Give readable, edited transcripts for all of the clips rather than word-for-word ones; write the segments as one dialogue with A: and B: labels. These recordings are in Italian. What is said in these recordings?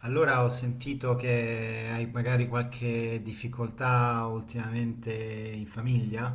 A: Allora ho sentito che hai magari qualche difficoltà ultimamente in famiglia,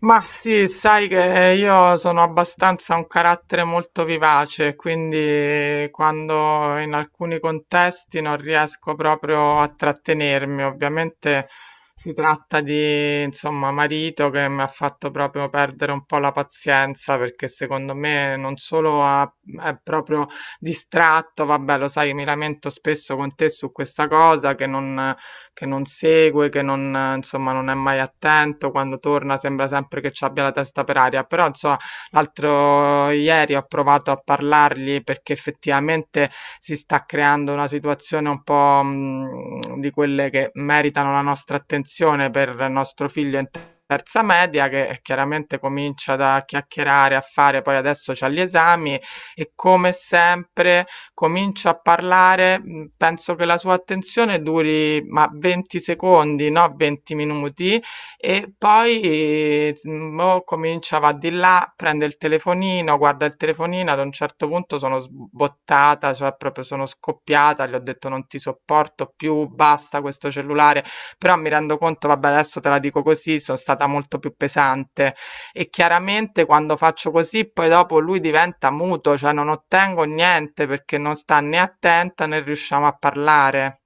B: Ma sì, sai che io sono abbastanza un carattere molto vivace, quindi quando in alcuni contesti non riesco proprio a trattenermi. Ovviamente si tratta di, insomma, marito che mi ha fatto proprio perdere un po' la pazienza, perché secondo me non solo è proprio distratto, vabbè, lo sai, mi lamento spesso con te su questa cosa, che non segue, che non, insomma, non è mai attento, quando torna sembra sempre che ci abbia la testa per aria. Però insomma, l'altro ieri ho provato a parlargli perché effettivamente si sta creando una situazione un po', di quelle che meritano la nostra attenzione, per il nostro figlio in terza media, che chiaramente comincia da chiacchierare, a fare, poi adesso c'ha gli esami. E come sempre, comincio a parlare, penso che la sua attenzione duri ma 20 secondi, no 20 minuti, e poi o comincia, va di là, prende il telefonino, guarda il telefonino, ad un certo punto sono sbottata, cioè proprio sono scoppiata, gli ho detto non ti sopporto più, basta questo cellulare. Però mi rendo conto, vabbè, adesso te la dico così, sono stata molto più pesante, e chiaramente quando faccio così poi dopo lui diventa muto, cioè non ottengo niente perché non sta né attenta né riusciamo a parlare.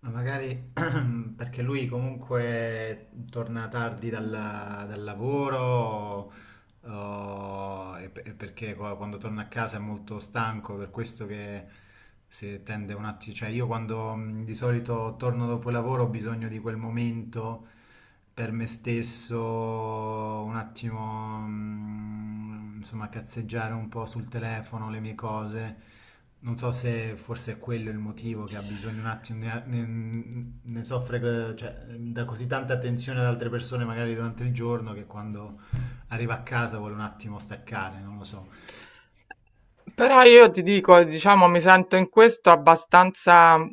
A: ma magari perché lui comunque torna tardi dal lavoro e perché quando torna a casa è molto stanco, per questo che si tende un attimo. Cioè io quando di solito torno dopo il lavoro ho bisogno di quel momento per me stesso, un attimo, insomma, cazzeggiare un po' sul telefono, le mie cose. Non so se forse è quello il motivo, che ha bisogno un attimo, ne soffre, cioè, da così tanta attenzione ad altre persone magari durante il giorno, che quando arriva a casa vuole un attimo staccare, non lo so.
B: Però io ti dico, diciamo, mi sento in questo abbastanza,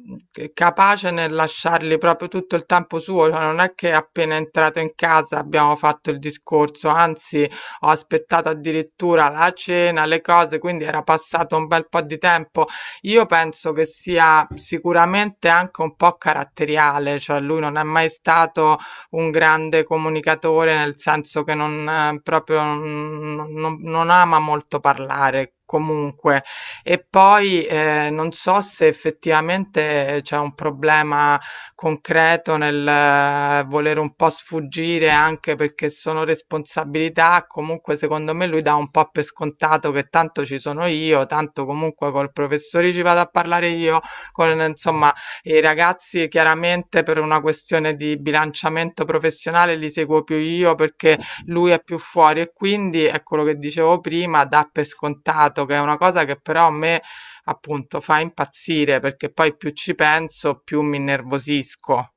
B: capace nel lasciargli proprio tutto il tempo suo, cioè non è che appena entrato in casa abbiamo fatto il discorso, anzi ho aspettato addirittura la cena, le cose, quindi era passato un bel po' di tempo. Io penso che sia sicuramente anche un po' caratteriale, cioè lui non è mai stato un grande comunicatore, nel senso che non proprio non ama molto parlare. Comunque, e poi non so se effettivamente c'è un problema concreto nel volere un po' sfuggire anche perché sono responsabilità. Comunque, secondo me, lui dà un po' per scontato che tanto ci sono io, tanto comunque col professore ci vado a parlare io, con, insomma, e i ragazzi chiaramente per una questione di bilanciamento professionale li seguo più io perché lui è più fuori, e quindi è quello che dicevo prima, dà per scontato, che è una cosa che però a me appunto fa impazzire, perché poi più ci penso, più mi innervosisco.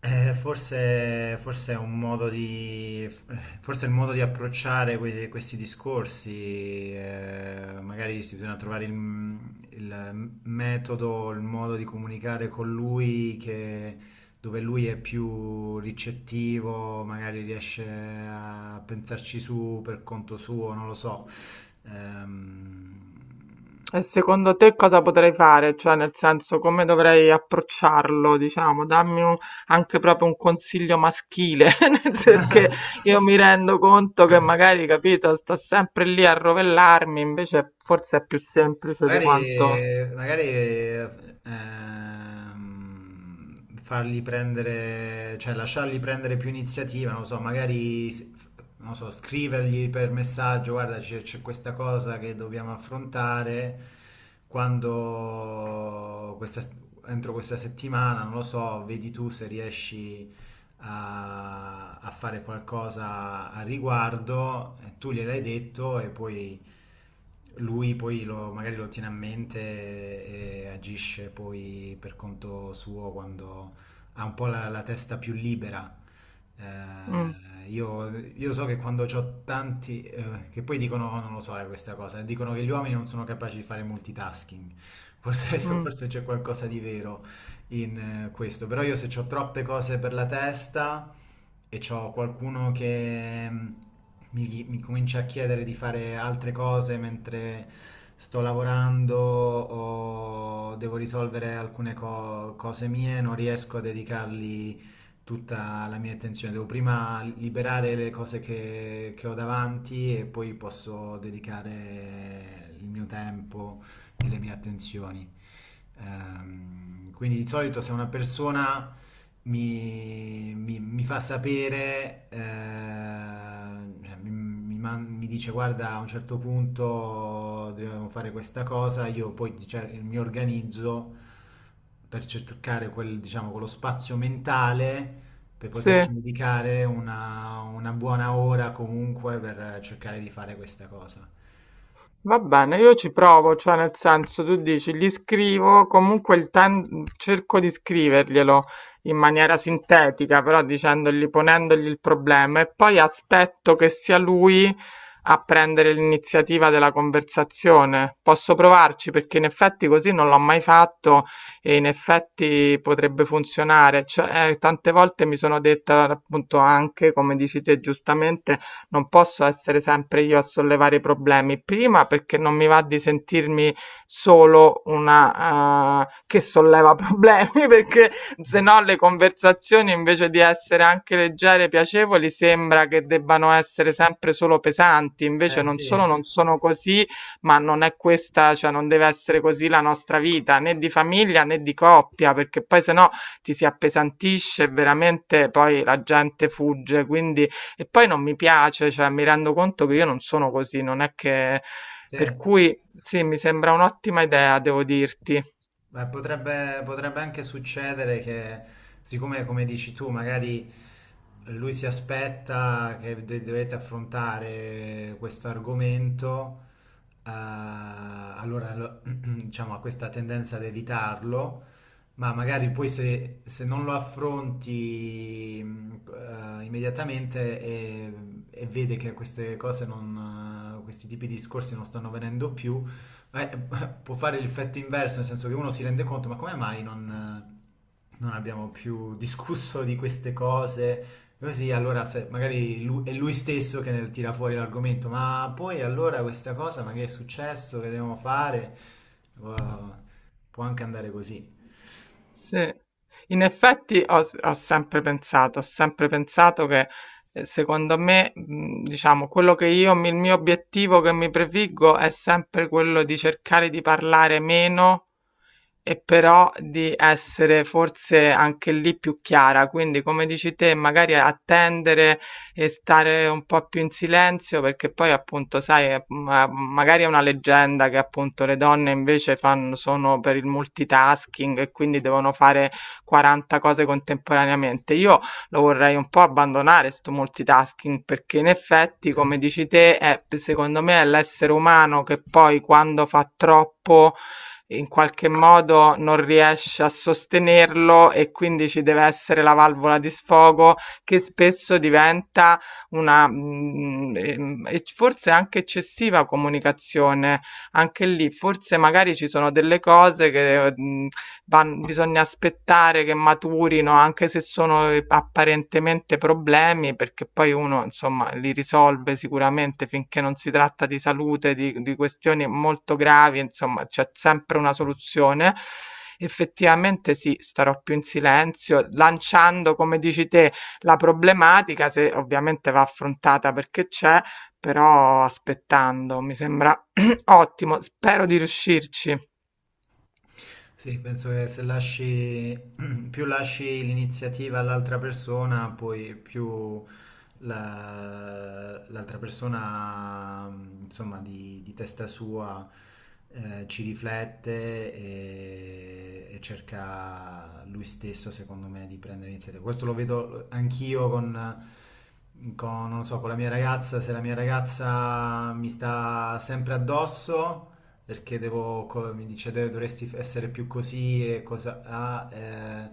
A: Forse è un modo di, forse è il modo di approcciare questi discorsi, magari si bisogna trovare il metodo, il modo di comunicare con lui dove lui è più ricettivo, magari riesce a pensarci su per conto suo, non lo so. Ehm...
B: E secondo te cosa potrei fare? Cioè, nel senso, come dovrei approcciarlo, diciamo? Dammi anche proprio un consiglio maschile, perché io mi rendo conto che magari, capito, sto sempre lì a rovellarmi, invece forse è più semplice di quanto...
A: Magari, magari fargli prendere, cioè lasciargli prendere più iniziativa, non lo so, magari, non lo so, scrivergli per messaggio: guarda, c'è questa cosa che dobbiamo affrontare, quando questa, entro questa settimana, non lo so, vedi tu se riesci a fare qualcosa a riguardo. Eh, tu gliel'hai detto e poi lui poi magari lo tiene a mente e agisce poi per conto suo quando ha un po' la testa più libera.
B: Mm,
A: Io so che quando ho tanti, che poi dicono: "Oh, non lo so, questa cosa", dicono che gli uomini non sono capaci di fare multitasking. Forse,
B: mm,
A: forse c'è qualcosa di vero in questo, però io, se ho troppe cose per la testa e ho qualcuno che mi comincia a chiedere di fare altre cose mentre sto lavorando o devo risolvere alcune cose mie, non riesco a dedicargli tutta la mia attenzione. Devo prima liberare le cose che ho davanti e poi posso dedicare il mio tempo e le mie attenzioni. Quindi di solito, se una persona mi fa sapere, cioè, mi dice: guarda, a un certo punto dobbiamo fare questa cosa, io poi mi organizzo per cercare quel, diciamo, quello spazio mentale per
B: sì.
A: poterci dedicare una buona ora comunque, per cercare di fare questa cosa.
B: Va bene, io ci provo, cioè nel senso tu dici, gli scrivo, comunque cerco di scriverglielo in maniera sintetica, però dicendogli, ponendogli il problema, e poi aspetto che sia lui a prendere l'iniziativa della conversazione. Posso provarci, perché in effetti così non l'ho mai fatto, e in effetti potrebbe funzionare. Cioè, tante volte mi sono detta appunto anche, come dici te giustamente, non posso essere sempre io a sollevare i problemi. Prima perché non mi va di sentirmi solo una, che solleva problemi, perché se no le conversazioni invece di essere anche leggere e piacevoli sembra che debbano essere sempre solo pesanti, invece
A: Eh
B: non
A: sì,
B: solo non sono così, ma non è questa, cioè non deve essere così la nostra vita, né di famiglia né di coppia, perché poi se no ti si appesantisce e veramente poi la gente fugge, quindi. E poi non mi piace, cioè mi rendo conto che io non sono così, non è che...
A: sì.
B: Per cui sì, mi sembra un'ottima idea, devo dirti.
A: Potrebbe, potrebbe anche succedere che, siccome come dici tu, magari lui si aspetta che dovete affrontare questo argomento, allora diciamo, ha questa tendenza ad evitarlo, ma magari poi se, se non lo affronti immediatamente, e vede che queste cose non, questi tipi di discorsi non stanno venendo più, eh, può fare l'effetto inverso, nel senso che uno si rende conto: ma come mai non, non abbiamo più discusso di queste cose? Così allora è lui stesso che ne tira fuori l'argomento: ma poi allora questa cosa, ma che è successo, che dobbiamo fare? Può Può anche andare così.
B: Sì. In effetti ho sempre pensato, ho sempre pensato che secondo me, diciamo, quello che io, il mio obiettivo che mi prefiggo è sempre quello di cercare di parlare meno, e però di essere forse anche lì più chiara. Quindi, come dici te, magari attendere e stare un po' più in silenzio, perché poi appunto, sai, magari è una leggenda che appunto le donne invece fanno, sono per il multitasking, e quindi devono fare 40 cose contemporaneamente. Io lo vorrei un po' abbandonare sto multitasking, perché in effetti, come dici te, secondo me è l'essere umano che poi, quando fa troppo, in qualche modo non riesce a sostenerlo, e quindi ci deve essere la valvola di sfogo, che spesso diventa una, e forse anche eccessiva, comunicazione. Anche lì, forse magari ci sono delle cose che, van bisogna aspettare che maturino, anche se sono, apparentemente problemi, perché poi uno, insomma, li risolve sicuramente, finché non si tratta di salute, di questioni molto gravi, insomma, c'è sempre una soluzione. Effettivamente sì, starò più in silenzio, lanciando, come dici te, la problematica se ovviamente va affrontata perché c'è, però aspettando, mi sembra ottimo. Spero di riuscirci.
A: Sì, penso che se lasci, più lasci l'iniziativa all'altra persona, poi più l'altra persona, insomma, di testa sua, ci riflette e cerca lui stesso, secondo me, di prendere iniziativa. Questo lo vedo anch'io con, non so, con la mia ragazza. Se la mia ragazza mi sta sempre addosso perché devo, mi dice: "Deve- dovresti essere più così e cosa..." Ah,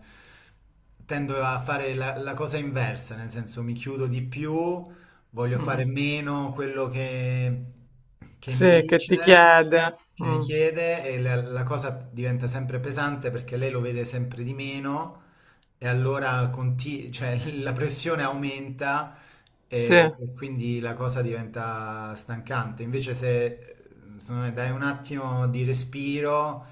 A: tendo a fare la cosa inversa, nel senso mi chiudo di più, voglio fare
B: Mm.
A: meno quello che mi
B: Sì, che ti
A: dice,
B: chiede.
A: che mi
B: Mm.
A: chiede, e la cosa diventa sempre pesante, perché lei lo vede sempre di meno e allora cioè, la pressione aumenta
B: Sì,
A: e quindi la cosa diventa stancante. Invece se secondo me, dai un attimo di respiro,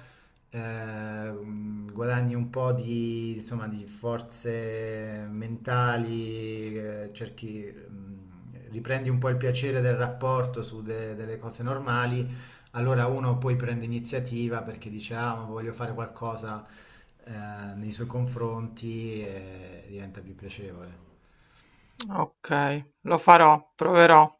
A: guadagni un po' di, insomma, di forze mentali, cerchi, riprendi un po' il piacere del rapporto su delle cose normali, allora uno poi prende iniziativa perché dice: ah, ma voglio fare qualcosa eh, nei suoi confronti, e diventa più piacevole.
B: ok, lo farò, proverò.